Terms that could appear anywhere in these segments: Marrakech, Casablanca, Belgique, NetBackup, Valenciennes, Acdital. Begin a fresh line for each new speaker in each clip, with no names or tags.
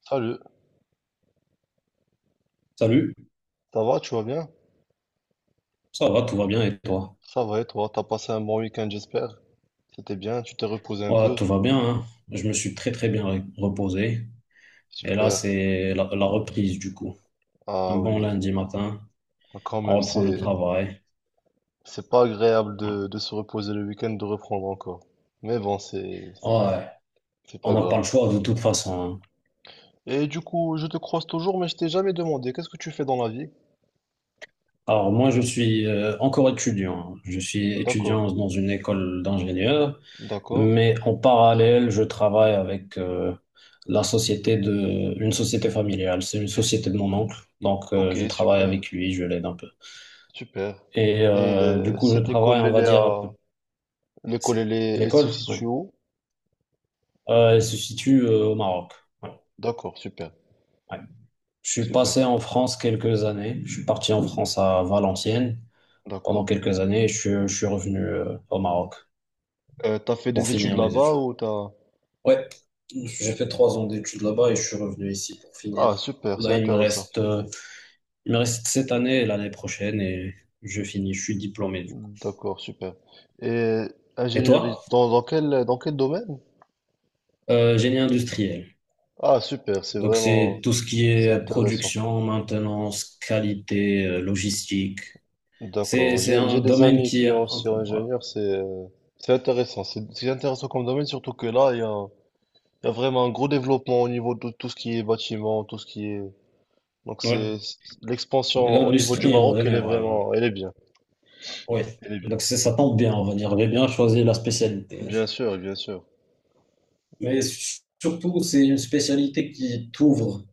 Salut,
Salut,
ça va, tu vas bien?
ça va, tout va bien et toi?
Ça va et toi, t'as passé un bon week-end, j'espère. C'était bien, tu t'es reposé un
Ouais,
peu?
tout va bien, hein. Je me suis très très bien reposé. Et là,
Super.
c'est la reprise du coup. Un
Ah
bon
oui.
lundi matin,
Ah, quand
on
même,
reprend le
c'est
travail.
c'est pas agréable
Ouais,
de se reposer le week-end, de reprendre encore. Mais bon, c'est
Ouais,
c'est
on
pas
n'a pas le
grave.
choix de toute façon, hein.
Et du coup, je te croise toujours, mais je t'ai jamais demandé, qu'est-ce que tu fais dans la vie?
Alors moi, je suis encore étudiant, hein. Je suis
D'accord,
étudiant dans une école d'ingénieur,
d'accord.
mais en parallèle, je travaille avec une société familiale. C'est une société de mon oncle, donc
Ok,
je travaille
super,
avec lui, je l'aide un peu.
super.
Et
Et
du
euh,
coup, le
cette
travail,
école,
on
elle
va
est
dire un
à...
peu,
L'école,
c'est
elle se
l'école, oui.
situe où?
Elle se situe au Maroc. Voilà,
D'accord, super,
ouais. Je suis
super,
passé en France quelques années. Je suis parti en France à Valenciennes pendant
d'accord.
quelques années, et je suis revenu au Maroc
T'as fait
pour
des études
finir mes
là-bas
études.
ou t'as...
Ouais, j'ai fait trois ans d'études là-bas et je suis revenu ici pour
Ah,
finir.
super, c'est
Là,
intéressant.
il me reste cette année et l'année prochaine et je finis. Je suis diplômé du coup.
D'accord, super. Et
Et
ingénierie,
toi?
dans quel domaine?
Génie industriel.
Ah, super, c'est
Donc,
vraiment,
c'est tout ce qui
c'est
est
intéressant.
production, maintenance, qualité, logistique.
D'accord,
C'est
j'ai,
un
j'ai des
domaine
amis
qui est
qui ont
un
aussi
peu, ouais.
ingénieur, c'est intéressant. C'est intéressant comme domaine, surtout que là, il y a vraiment un gros développement au niveau de tout ce qui est bâtiment, tout ce qui est... Donc
Ouais.
l'expansion
Et
au niveau du
l'industrie en
Maroc, elle est
général, hein.
vraiment, elle est bien.
Ouais.
Elle est bien.
Donc, c'est- ça tombe bien, on va dire. J'ai bien choisi la spécialité.
Bien sûr, bien sûr.
Mais surtout, c'est une spécialité qui t'ouvre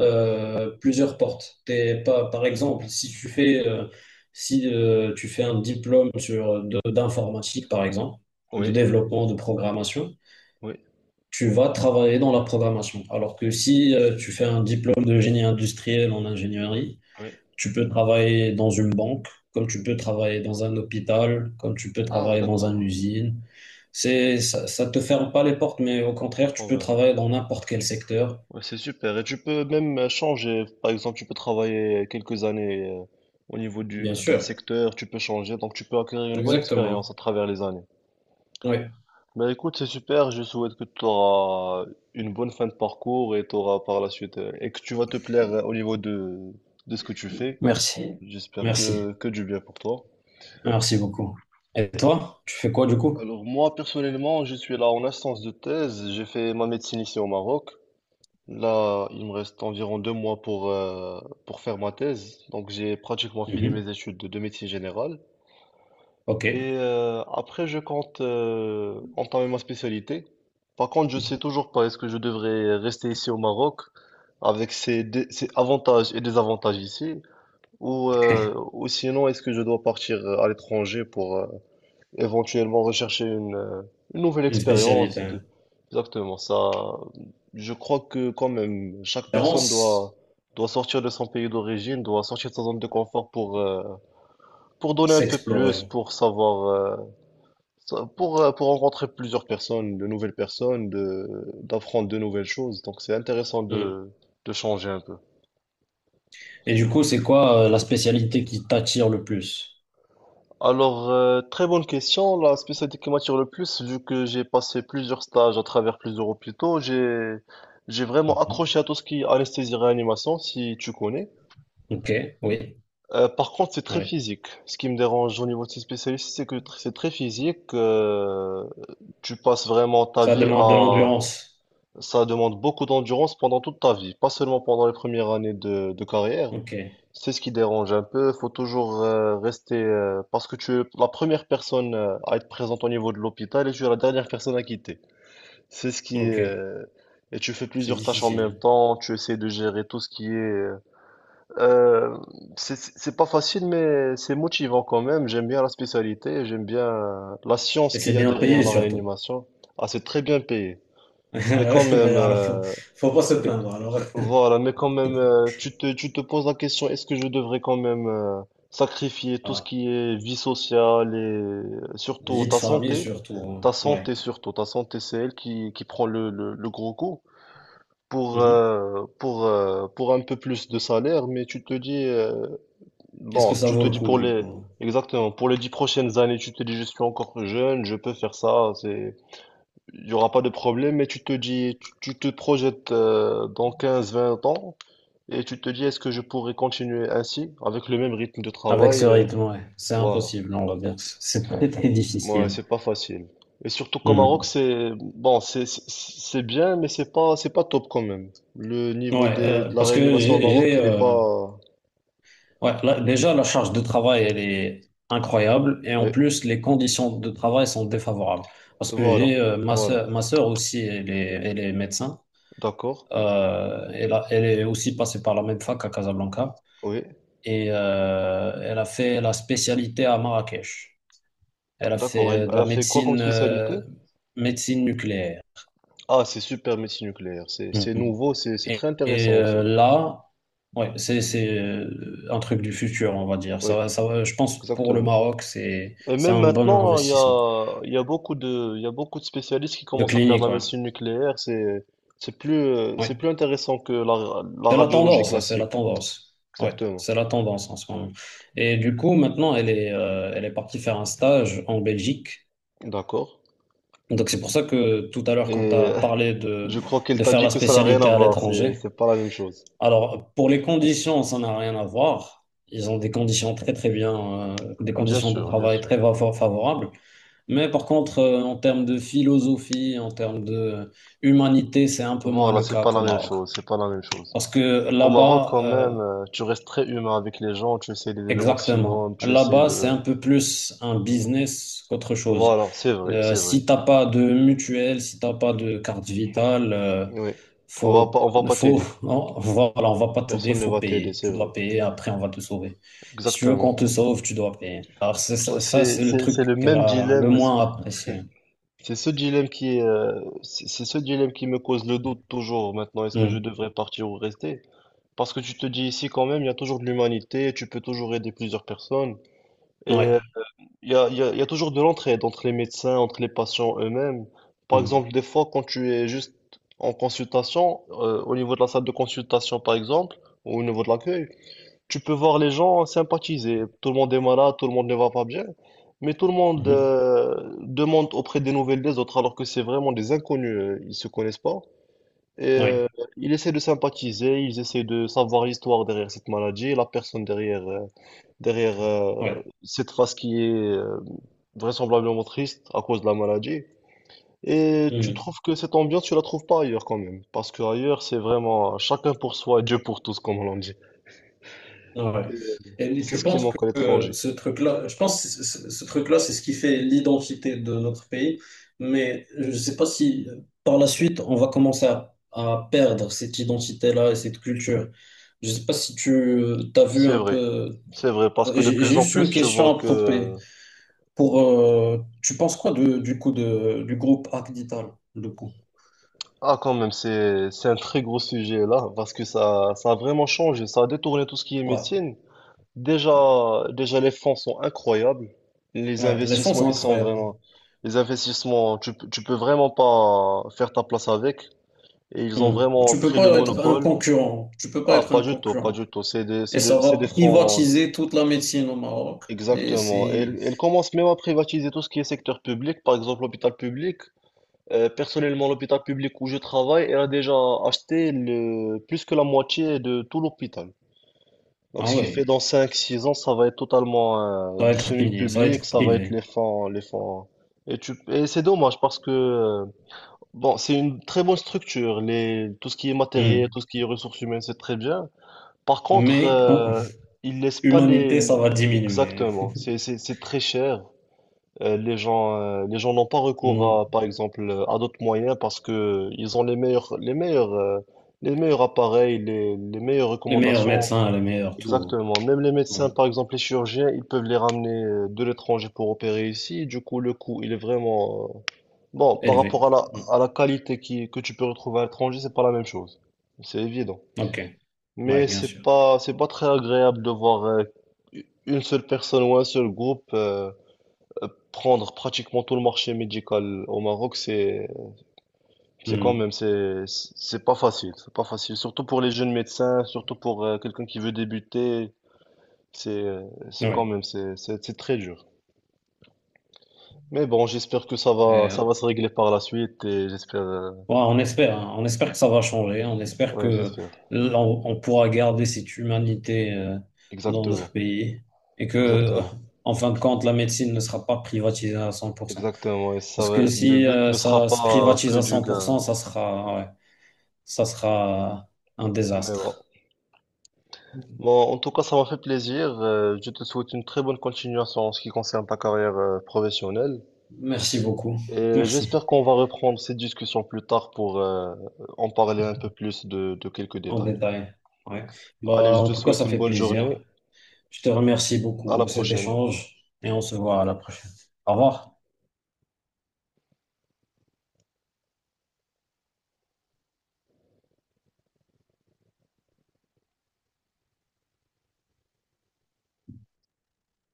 plusieurs portes. T'es pas, par exemple, si tu fais, si, tu fais un diplôme sur, d'informatique, par exemple, de
Oui,
développement, de programmation,
oui,
tu vas travailler dans la programmation. Alors que si tu fais un diplôme de génie industriel en ingénierie,
oui.
tu peux travailler dans une banque, comme tu peux travailler dans un hôpital, comme tu peux
Ah,
travailler dans une
d'accord.
usine. C'est, ça te ferme pas les portes, mais au contraire, tu
On
peux
va-
travailler dans n'importe quel secteur.
ouais, c'est super. Et tu peux même changer. Par exemple, tu peux travailler quelques années au niveau
Bien
d'un
sûr,
secteur, tu peux changer. Donc, tu peux acquérir une bonne expérience à
exactement.
travers les années.
Oui,
Ben écoute, c'est super. Je souhaite que tu auras une bonne fin de parcours et tu auras par la suite, et que tu vas te plaire au niveau de ce que tu fais.
merci.
J'espère
Merci.
que du bien pour toi.
Merci beaucoup. Et toi, tu fais quoi du coup?
Alors, moi, personnellement, je suis là en instance de thèse. J'ai fait ma médecine ici au Maroc. Là, il me reste environ 2 mois pour faire ma thèse. Donc, j'ai pratiquement fini
Mhm.
mes études de médecine générale.
Ok,
Et après, je compte entamer ma spécialité. Par contre, je sais toujours pas est-ce que je devrais rester ici au Maroc avec ses avantages et désavantages ici, ou, euh, ou sinon est-ce que je dois partir à l'étranger éventuellement rechercher une nouvelle
une
expérience.
spécialité.
Exactement ça. Je crois que quand même, chaque personne
Préférence,
doit sortir de son pays d'origine, doit sortir de sa zone de confort pour donner un peu plus,
s'explorer.
pour savoir, sa- pour rencontrer plusieurs personnes, de nouvelles personnes, de, d'apprendre de nouvelles choses. Donc c'est intéressant
Hmm.
de changer un peu.
Et du coup, c'est quoi la spécialité qui t'attire le plus?
Alors, très bonne question. La spécialité qui m'attire le plus, vu que j'ai passé plusieurs stages à travers plusieurs hôpitaux, j'ai vraiment
Mhm.
accroché à tout ce qui est anesthésie-réanimation, si tu connais.
Ok, oui.
Par contre, c'est très
Ouais.
physique. Ce qui me dérange au niveau de ces spécialistes, c'est que c'est très physique. Tu passes vraiment ta
Ça
vie
demande de
à...
l'endurance.
Ça demande beaucoup d'endurance pendant toute ta vie, pas seulement pendant les premières années de carrière.
Ok,
C'est ce qui dérange un peu. Faut toujours rester parce que tu es la première personne à être présente au niveau de l'hôpital et tu es la dernière personne à quitter. C'est ce qui est,
ok.
Et tu fais
C'est
plusieurs tâches en même
difficile.
temps. Tu essaies de gérer tout ce qui est. Euh, c'est pas facile, mais c'est motivant quand même. J'aime bien la spécialité. J'aime bien la
Et
science qu'il
c'est
y a
bien
derrière
payé
la
surtout.
réanimation. Ah, c'est très bien payé. Mais quand même,
Alors,
euh,
faut pas se
mais
plaindre. Alors,
voilà, mais quand même, tu te poses la question, est-ce que je devrais quand même sacrifier tout ce
voilà.
qui est vie sociale et surtout
Vie de
ta
famille
santé?
surtout, hein.
Ta
Ouais.
santé surtout, ta santé c'est elle qui prend le gros coup
Mhm.
pour un peu plus de salaire, mais
Est-ce que ça
tu
vaut
te
le
dis
coup
pour
du coup?
exactement, pour les 10 prochaines années, tu te dis je suis encore jeune, je peux faire ça, c'est, il y aura pas de problème, mais tu te dis, tu te projettes dans 15 20 ans. Et tu te dis, est-ce que je pourrais continuer ainsi, avec le même rythme de
Avec
travail?
ce rythme, ouais. C'est
Voilà.
impossible, on va dire. C'est très, très
Moi,
difficile.
c'est pas facile. Et surtout qu'au Maroc,
Mhm.
c'est bon, c'est bien, mais c'est pas top quand même. Le niveau
Ouais,
de la
parce que
réanimation au Maroc,
j'ai,
il est pas.
ouais, là, déjà, la charge de travail, elle est incroyable. Et en
Oui,
plus, les conditions de travail sont défavorables. Parce que
voilà,
j'ai
voilà.
ma sœur aussi, elle est médecin.
D'accord.
Elle est aussi passée par la même fac à Casablanca.
Oui,
Et elle a fait la spécialité à Marrakech. Elle a
d'accord. Elle,
fait de
elle
la
a fait quoi comme
médecine,
spécialité?
médecine nucléaire.
Ah, c'est super médecine nucléaire. C'est
Mhm.
nouveau, c'est très
Et,
intéressant aussi.
là, ouais, c'est, un truc du futur, on va dire.
Oui,
Je pense pour le
exactement.
Maroc,
Et
c'est
même
un bon
maintenant,
investissement
il y a beaucoup de, il y a beaucoup de spécialistes qui
de
commencent à faire de
clinique,
la
ouais.
médecine nucléaire. C'est
Ouais.
plus intéressant que la
C'est la
radiologie
tendance, ça, c'est la
classique.
tendance. Ouais,
Exactement.
c'est la tendance en ce moment. Et du coup, maintenant, elle est partie faire un stage en Belgique.
D'accord.
Donc c'est pour ça que tout à l'heure,
Et
quand tu as
euh,
parlé de
je crois qu'elle t'a
faire
dit
la
que ça n'a rien à
spécialité à
voir.
l'étranger,
C'est pas la même chose.
alors, pour les conditions, ça n'a rien à voir. Ils ont des conditions très très bien, des
Bien
conditions de
sûr, bien
travail
sûr.
favorables. Mais par contre, en termes de philosophie, en termes de humanité, c'est un peu moins
Voilà,
le
c'est
cas
pas la
qu'au
même
Maroc.
chose. C'est pas la même chose.
Parce que
Au Maroc,
là-bas,
quand même, tu restes très humain avec les gens. Tu essaies d'aider le maximum.
exactement.
Tu essaies
Là-bas, c'est un
de.
peu plus un business qu'autre chose.
Voilà, c'est vrai, c'est vrai.
Si t'as pas de mutuelle, si t'as pas de carte vitale,
Oui. On va pas,
faut,
on va pas t'aider.
non, voilà, on va pas t'aider,
Personne ne
faut
va t'aider,
payer.
c'est
Tu
vrai.
dois payer, après on va te sauver. Si tu veux qu'on
Exactement.
te sauve, tu dois payer. Alors c'est
Ouais,
ça, ça, c'est le
c'est
truc
le
qu'elle
même
a le
dilemme. C'est
moins apprécié.
c'est ce dilemme qui est, c'est ce dilemme qui me cause le doute toujours maintenant. Est-ce que je
Mm.
devrais partir ou rester? Parce que tu te dis ici quand même, il y a toujours de l'humanité, tu peux toujours aider plusieurs personnes. Et
Ouais.
euh, il y a, il y a- il y a toujours de l'entraide entre les médecins, entre les patients eux-mêmes. Par
Mm.
exemple, des fois, quand tu es juste en consultation, au niveau de la salle de consultation par exemple, ou au niveau de l'accueil, tu peux voir les gens sympathiser. Tout le monde est malade, tout le monde ne va pas bien, mais tout le monde
Mhm.
demande auprès des nouvelles des autres, alors que c'est vraiment des inconnus, ils se connaissent pas. Et
Ouais.
ils essaient de sympathiser, ils essaient de savoir l'histoire derrière cette maladie, la personne derrière, derrière
Ouais.
cette face qui est vraisemblablement triste à cause de la maladie. Et tu
Mm.
trouves que cette ambiance, tu la trouves pas ailleurs quand même, parce que ailleurs c'est vraiment chacun pour soi et Dieu pour tous, comme on l'a dit.
Ouais.
Et, euh,
Et
c'est
tu
ce qui
penses que
manque à l'étranger.
ce truc-là, je pense que ce truc-là, c'est ce qui fait l'identité de notre pays, mais je ne sais pas si par la suite, on va commencer à perdre cette identité-là et cette culture. Je ne sais pas si tu as vu
C'est
un
vrai,
peu...
c'est vrai, parce que de plus
J'ai
en
juste une
plus, tu
question
vois
à propos.
que...
Pour, tu penses quoi de, du groupe Acdital, le coup?
Ah, quand même, c'est un très gros sujet là, parce que ça a vraiment changé, ça a détourné tout ce qui est
Ouais,
médecine. Déjà, déjà les fonds sont incroyables, les
ouais, les fonds
investissements,
sont
ils sont
incroyables.
vraiment... Les investissements, tu peux vraiment pas faire ta place avec, et ils ont
Hmm.
vraiment
Tu peux
pris le
pas être un
monopole.
concurrent. Tu peux pas
Ah,
être
pas
un
du tout, pas
concurrent.
du tout, c'est des,
Et
c'est des,
ça
c'est
va
des fonds...
privatiser toute la médecine au Maroc. Et
Exactement. Et,
c'est...
ils commencent même à privatiser tout ce qui est secteur public, par exemple l'hôpital public. Personnellement, l'hôpital public où je travaille, elle a déjà acheté plus que la moitié de tout l'hôpital. Donc,
Ah
ce qui fait
ouais,
dans 5 6 ans, ça va être totalement
ça va
du
être fini, ça va
semi-public,
être
ça va être
privé.
les fonds, les fonds. Et, et c'est dommage parce que, bon, c'est une très bonne structure. Tout ce qui est matériel,
Hmm.
tout ce qui est ressources humaines, c'est très bien. Par contre,
Mais quand
ils laissent pas
humanité, ça va diminuer, hein.
exactement. C'est très cher. Les gens n'ont pas recours
Hmm.
à, par exemple, à d'autres moyens parce que ils ont les meilleurs appareils, les meilleures
Les meilleurs
recommandations.
médecins, les meilleurs tout,
Exactement. Même les
hein.
médecins,
Hmm.
par exemple, les chirurgiens, ils peuvent les ramener de l'étranger pour opérer ici. Du coup, le coût, il est vraiment, bon, par
Élevé.
rapport à la,
Hmm.
à la qualité que tu peux retrouver à l'étranger, c'est pas la même chose. C'est évident.
Ok, ouais,
Mais
bien
c'est
sûr.
pas, c'est pas très agréable de voir une seule personne ou un seul groupe, prendre pratiquement tout le marché médical au Maroc, c'est c'est quand
Hmm.
même c'est c'est pas facile, c'est pas facile, surtout pour les jeunes médecins, surtout pour quelqu'un qui veut débuter, c'est quand
Ouais.
même c'est très dur. Mais bon, j'espère que ça va ça
Ouais,
va se régler par la suite et j'espère
on espère, hein. On espère que ça va changer, hein. On espère
ouais,
que
j'espère.
là, on pourra garder cette humanité dans notre
Exactement.
pays et que,
Exactement.
en fin de compte, la médecine ne sera pas privatisée à 100%.
Exactement et
Parce que
le
si
but ne sera
ça se
pas que
privatise à
du
100%,
gain.
ça sera, ouais, ça sera un
Mais bon.
désastre.
Bon, en tout cas, ça m'a fait plaisir. Je te souhaite une très bonne continuation en ce qui concerne ta carrière professionnelle.
Merci beaucoup.
Et j'espère
Merci.
qu'on va reprendre cette discussion plus tard pour en parler un peu plus de quelques
En
détails.
détail. Ouais.
Allez,
Bah,
je
en
te
tout cas,
souhaite
ça
une
fait
bonne
plaisir.
journée.
Je te remercie
À
beaucoup
la
de cet
prochaine.
échange et on se voit à la prochaine. Au revoir.